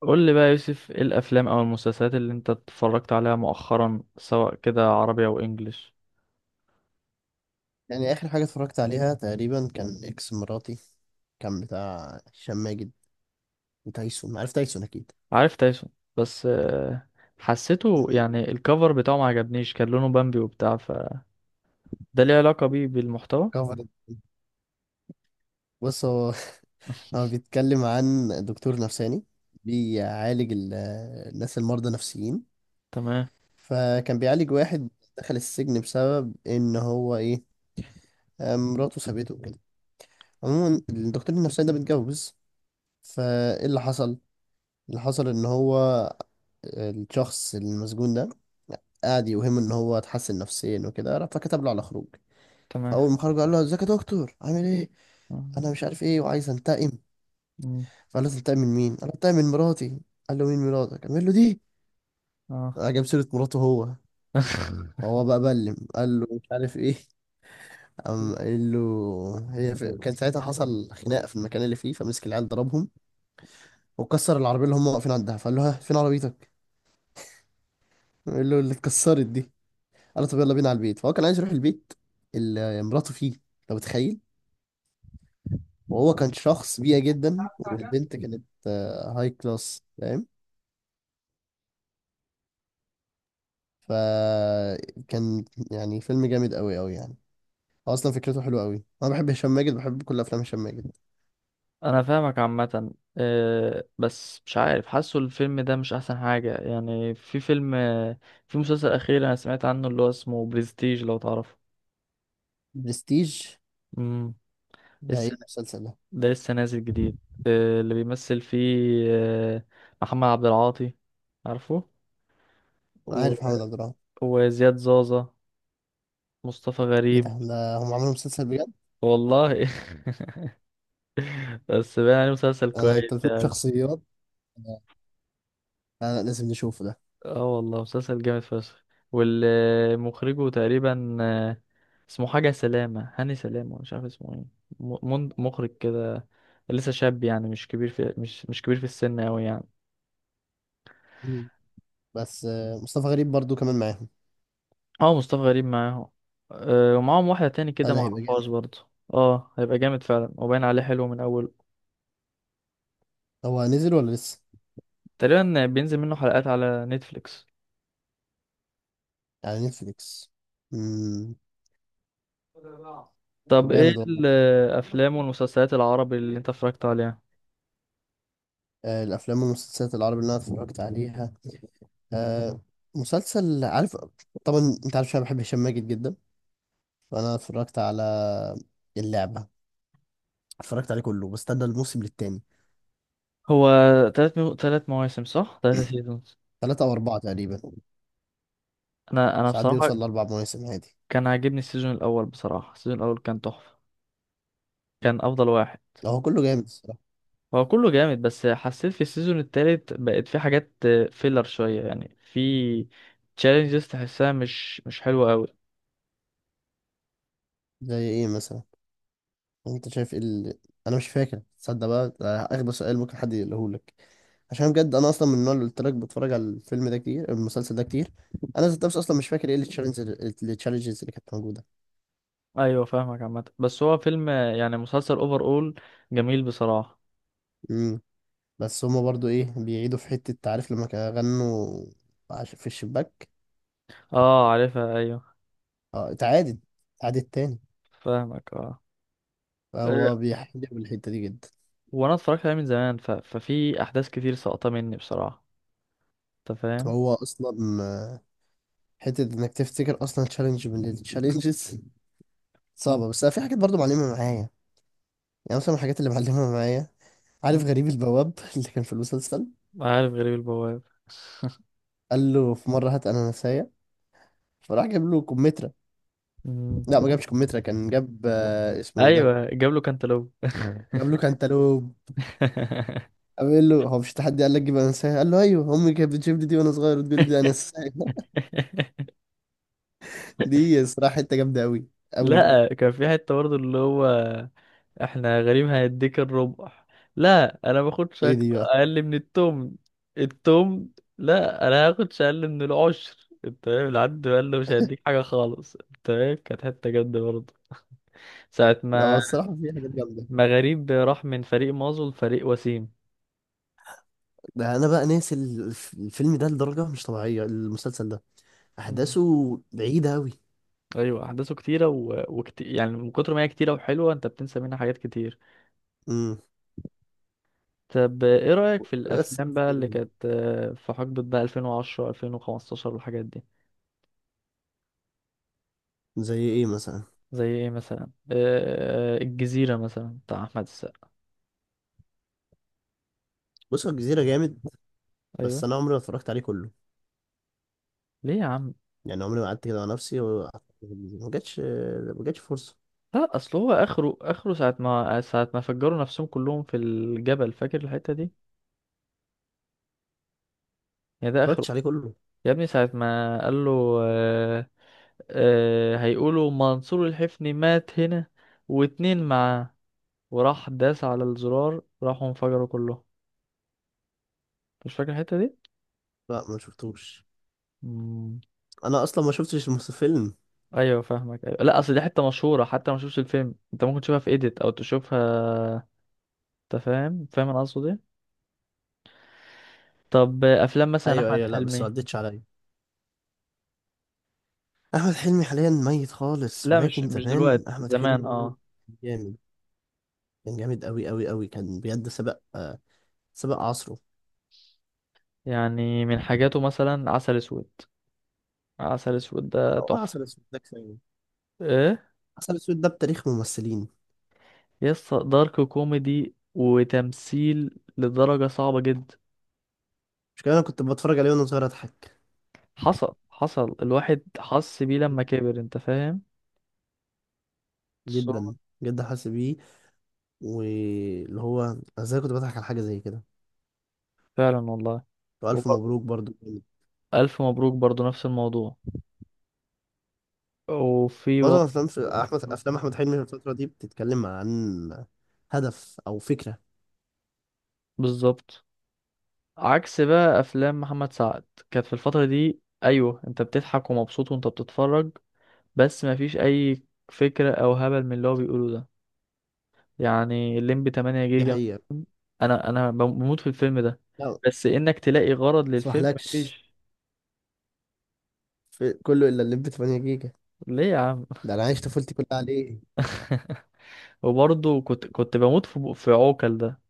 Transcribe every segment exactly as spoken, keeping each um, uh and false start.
قول لي بقى يا يوسف، ايه الافلام او المسلسلات اللي انت اتفرجت عليها مؤخرا سواء كده عربي او انجليش؟ يعني آخر حاجة اتفرجت عليها تقريبا كان إكس مراتي. كان بتاع هشام ماجد وتايسون، عارف تايسون أكيد. عارف تايسون. بس آه، حسيته مم. يعني الكفر بتاعه ما عجبنيش، كان لونه بامبي وبتاع فده. ليه علاقة بيه بالمحتوى؟ كفر. بص هو، هو بيتكلم عن دكتور نفساني بيعالج ال- آه، الناس المرضى نفسيين. تمام، فكان بيعالج واحد دخل السجن بسبب إن هو إيه، آه، مراته سابته وكده. عموما الدكتور النفساني ده متجوز، فإيه اللي حصل؟ اللي حصل إن هو الشخص المسجون ده قعد يوهمه إن هو اتحسن نفسيا وكده، فكتب له على خروج. تمام، فاول ما خرج قال له ازيك يا دكتور، عامل ايه، اه. انا مش عارف ايه وعايز انتقم. مم. فقال له تنتقم من مين، قال له انتقم من مراتي. قال له مين مراتك، قال له دي. آه. جاب سيره مراته هو. فهو بقى بلم، قال له مش عارف ايه. قام قال له هي في... كان ساعتها حصل خناقه في المكان اللي فيه، فمسك العيال ضربهم وكسر العربيه اللي هم واقفين عندها. فقال له ها فين عربيتك، قال له اللي اتكسرت دي. قال له طب يلا بينا على البيت، فهو كان عايز يروح البيت اللي مراته فيه، لو متخيل. وهو كان شخص بيئة جدا، والبنت كانت آه، هاي كلاس، فاهم. فكان يعني فيلم جامد قوي قوي يعني. هو اصلا فكرته حلوه قوي، انا بحب هشام ماجد، بحب كل افلام هشام ماجد. انا فاهمك عامة. آه، بس مش عارف، حاسه الفيلم ده مش احسن حاجة. يعني في فيلم، آه، في مسلسل اخير انا سمعت عنه اللي هو اسمه بريستيج، لو تعرفه. برستيج، امم. ده ايه المسلسل ده؟ ده لسه نازل جديد. آه، اللي بيمثل فيه آه، محمد عبد العاطي، عارفه. انا و... عارف محمد عبد الرحمن. وزياد زازا، مصطفى ايه غريب. ده، ده هم عملوا مسلسل بجد؟ والله. بس بقى يعني مسلسل انا كويس انت بتقول يعني. شخصيات، لا، لا لازم نشوفه ده. اه والله مسلسل جامد فشخ. والمخرجه تقريبا آه، اسمه حاجة سلامة، هاني سلامة، مش عارف اسمه ايه. م- من- مخرج كده، لسه شاب، يعني مش كبير في مش مش كبير في السن أوي يعني. مم. بس آه، مصطفى غريب برضو كمان معاهم. اه، مصطفى غريب معاهم. أه، ومعاهم واحدة تاني لا كده ده هيبقى جامد. معرفهاش برضه. اه، هيبقى جامد فعلا وباين عليه حلو من أوله. هو نزل ولا لسه؟ تقريبا بينزل منه حلقات على نتفليكس. على نتفليكس. امم. طب ايه جامد والله. الأفلام والمسلسلات العربي اللي انت اتفرجت عليها؟ آه، الافلام والمسلسلات العربي اللي انا اتفرجت عليها، آه، مسلسل عارف طبعا، انت عارف انا بحب هشام ماجد جدا. فانا اتفرجت على اللعبه، اتفرجت عليه كله، بستنى الموسم للتاني. هو تلات مو... تلات مواسم صح؟ تلاتة سيزونز. ثلاثة او اربعة تقريبا. أنا أنا ساعات بصراحة بيوصل لاربع مواسم عادي. كان عاجبني السيزون الأول، بصراحة السيزون الأول كان تحفة، كان أفضل واحد. لو هو كله جامد الصراحه. هو كله جامد بس حسيت في السيزون التالت بقت في حاجات فيلر شوية، يعني في تشالنجز تحسها مش مش حلوة قوي. زي ايه مثلا؟ انت شايف إيه ال... انا مش فاكر، تصدق بقى ده اغبى سؤال ممكن حد يقولهولك. عشان بجد انا اصلا من النوع اللي قلت لك بتفرج على الفيلم ده كتير، المسلسل ده كتير. انا ذات نفسي اصلا مش فاكر ايه التشالنجز، التشالنجز اللي كانت موجوده. ايوه فاهمك عامة، بس هو فيلم، يعني مسلسل اوفر اول، جميل بصراحة. امم. بس هما برضو ايه بيعيدوا في حته، تعرف لما كانوا غنوا عش- في الشباك. اه عارفها، ايوه اه اتعادت، اتعادت تاني. فاهمك اه. هو أه، بيحجب الحتة دي جدا. وانا اتفرجت عليه من زمان، ف... ففي احداث كتير ساقطة مني بصراحة، انت فاهم. هو أصلا آه، حتة إنك تفتكر أصلا تشالنج من التشالنجز مم. صعبة، بس أنا في حاجات برضو معلمة معايا. يعني مثلا من الحاجات اللي معلمة معايا، مم. عارف غريب البواب اللي كان في المسلسل. عارف غريب البواب. قال له في مرة هات أناناساية، فراح جاب له كمثرى. مم. لا ما جابش كمثرى، كان جاب آه، اسمه إيه ده، ايوه جاب له كانتالوب. جاب له كانتالوب. قال له هو مش تحدي، قال لك جيب أناناساية، قال له أيوه أمي كانت بتجيب لي دي وأنا صغير وتقول لي دي أناناساية. دي الصراحة حتة جامدة أوي أوي. لا كان في حتة برضه اللي هو: احنا غريم هيديك الربع. لا انا باخدش إيه أك- دي بقى؟ اقل من التمن. التمن. لا انا هاخدش اقل من العشر، انت فاهم العد؟ قال له مش هيديك حاجة خالص، انت فاهم، كانت حتة جد برضه ساعة هو ما الصراحة في حاجات جامدة. ما غريب راح من فريق مازو لفريق وسيم. ده انا بقى ناسي ال- الف- الفيلم ده لدرجه مش طبيعيه، المسلسل ده مم. احداثه بعيده قوي. ايوه احداثه كتيرة و... وكت... يعني من كتر ما هي كتيرة وحلوة انت بتنسى منها حاجات كتير. امم. طب ايه رأيك في بس الافلام بقى اللي جامد. كانت آه، في حقبة بقى ألفين وعشرة ألفين وخمستاشر والحاجات دي؟ زي ايه مثلا؟ زي ايه مثلا؟ آه، آه، الجزيرة مثلا بتاع احمد السقا. بص هو الجزيره جامد، ايوه. بس انا عمري ما اتفرجت عليه كله. ليه يا عم؟ يعني عمري ما قعدت كده مع نفسي وقعدت- في الجزيرة. ما جاتش، ما جاتش فرصه. لا اصل هو اخره، اخره ساعة ما ساعة ما فجروا نفسهم كلهم في الجبل، فاكر الحتة دي؟ يا ده ما اخره. اتفرجتش عليه كله. يا ابني ساعة ما قال له آه آه هيقولوا منصور الحفني مات هنا واتنين معاه، وراح داس على الزرار راحوا انفجروا كلهم. مش فاكر الحتة لا ما شفتوش. دي؟ انا اصلا ما شفتش المس- الفيلم. ايوه فاهمك، ايوه. لا اصل دي حته مشهوره، حتى ما شفتش الفيلم انت ممكن تشوفها في ايديت او تشوفها، انت فاهم؟ فاهم انا قصدي ايه؟ طب افلام مثلا ايوه احمد ايوه، لا بس ما حلمي. عدتش عليا. احمد حلمي حاليا ميت خالص، لا مش ولكن مش زمان دلوقتي، احمد زمان حلمي اه. جامد، كان جامد قوي قوي قوي، كان بجد سبق آه، سبق عصره. يعني من حاجاته مثلا عسل اسود. عسل اسود ده او تحفه. عسل اسود ده كفايه. ايه، عسل اسود ده بتاريخ ممثلين. يس دارك كوميدي وتمثيل لدرجه صعبه جدا. مش كده، انا كنت بتفرج عليه وانا صغير اضحك. حصل حصل الواحد حس بيه لما كبر، انت فاهم. So- جدا جدا حاسس بيه. واللي هو أنا ازاي كنت بضحك على حاجه زي كده. فعلا والله. والف وب- مبروك برضو. الف مبروك برضو نفس الموضوع. وفي. معظم افلام في احمد افلام احمد حلمي في الفتره دي بتتكلم عن هدف او فكره. بالظبط. عكس بقى افلام محمد سعد كانت في الفتره دي، ايوه انت بتضحك ومبسوط وانت بتتفرج، بس مفيش اي فكره او هبل من اللي هو بيقوله ده. يعني الليمبي تمانية دي جيجا. حقيقه. انا انا بموت في الفيلم ده، لا ما بس انك تلاقي غرض للفيلم اسمحلكش، مفيش. في كله الا اللي ب تمانية جيجا. ليه يا عم؟ ده انا عايش طفولتي كلها عليه. وبرضه كنت كنت بموت في في عوكل ده،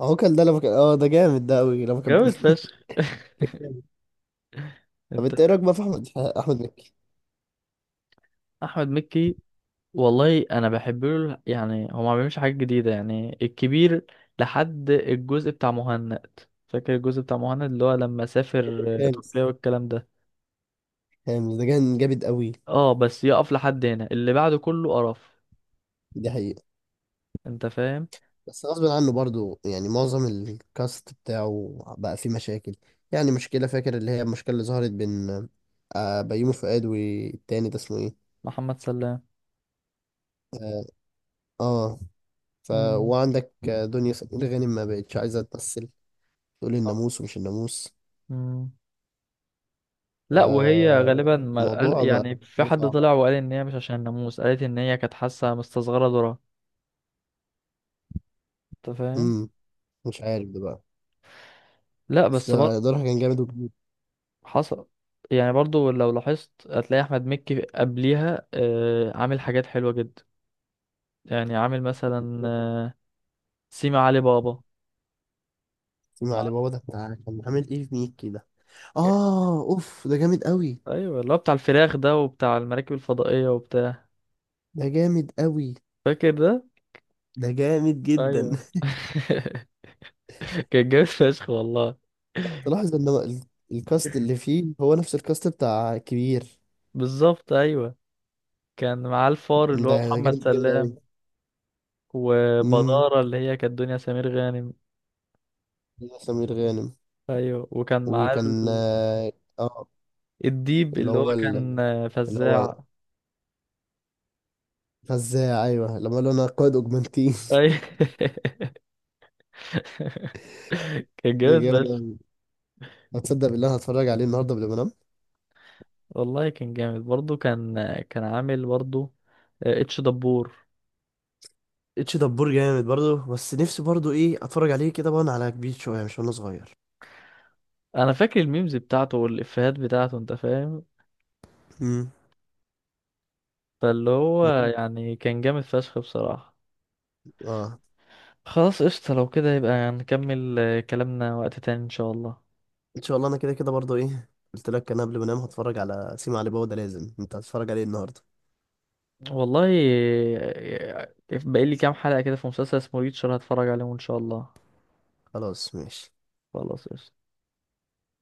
اهو كان ده لما كان اه، ده جامد ده قوي لما كان جامد فشخ. كان جامد. طب انت. انت ايه رايك بقى في احمد احمد مكي؟ احمد مكي. والله انا بحب له، يعني هو ما بيعملش حاجات جديده، يعني الكبير لحد الجزء بتاع مهند. فاكر الجزء بتاع مهند اللي هو لما سافر آه، خامس تركيا والكلام ده؟ هامز ده كان جامد قوي. اه، بس يقف لحد هنا، اللي بعده كله قرف، دي حقيقة. انت فاهم. بس غصب عنه برضو يعني معظم الكاست بتاعه بقى فيه مشاكل. يعني مشكلة، فاكر اللي هي المشكلة اللي ظهرت بين آه، بيومي فؤاد والتاني ده اسمه ايه؟ محمد سلام. اه. آه. ف، امم. وعندك آه، دنيا سمير غانم ما بقتش عايزة تمثل، تقول صح. الناموس ومش الناموس. امم. ف لا وهي غالبا ما قال، الموضوع بقى يعني في حد صعب. طلع وقال ان هي مش عشان الناموس، قالت ان هي كانت حاسه مستصغره دورها، انت فاهم. امم. مش عارف ده بقى. لا بس بس. ده ده راح كان جامد وكبير. حصل. يعني برضو لو لاحظت هتلاقي احمد مكي قبليها آه، عامل حاجات حلوة جدا. يعني عامل مثلا آه، سيما علي بابا. علي بابا ده كان عامل ايه في ميك كده، ك- اه اوف ده جامد قوي. ايوه اللي هو بتاع الفراخ ده وبتاع المراكب الفضائية وبتاع. ده جامد قوي، فاكر ده؟ ده جامد جدا. ايوه. كان جامد فشخ والله. لو تلاحظ ان هو ال- الكاست اللي فيه هو نفس الكاست بتاع كبير. بالظبط ايوه. كان معاه الفار اللي ده هو ده جامد محمد جامد قوي. سلام، امم. وبدارة اللي هي كانت دنيا سمير غانم. سمير غانم. ايوه وكان معاه وكان ال- اه آه، الديب اللي اللي هو هو ال- كان آه، اللي هو فزاع. فزاع. ايوه لما قال له انا قائد اوجمانتين. ايوه. كان دي جامد جامده بس. أوي. هتصدق بالله، أنا هتفرج عليه النهارده قبل ما انام. والله كان جامد برضه، كان كان عامل برضه آه، اتش دبور. اتش دبور جامد برضه، بس نفسي برضه ايه اتفرج عليه كده وانا على كبير شويه مش وانا صغير. انا فاكر الميمز بتاعته والافيهات بتاعته، انت فاهم. امم. فاللي هو يعني كان جامد فشخ بصراحة. اه. خلاص قشطة، لو كده يبقى نكمل آه، كلامنا وقت تاني ان شاء الله. ان شاء الله. انا كده كده برضو ايه قلت لك، انا قبل ما انام هتفرج على سيما علي بابا ده، لازم انت هتتفرج عليه النهارده. والله آه، آه، باقي لي كام حلقة كده في مسلسل اسمه ريتشر هتفرج عليهم ان شاء الله. خلاص ماشي. خلاص قشطة.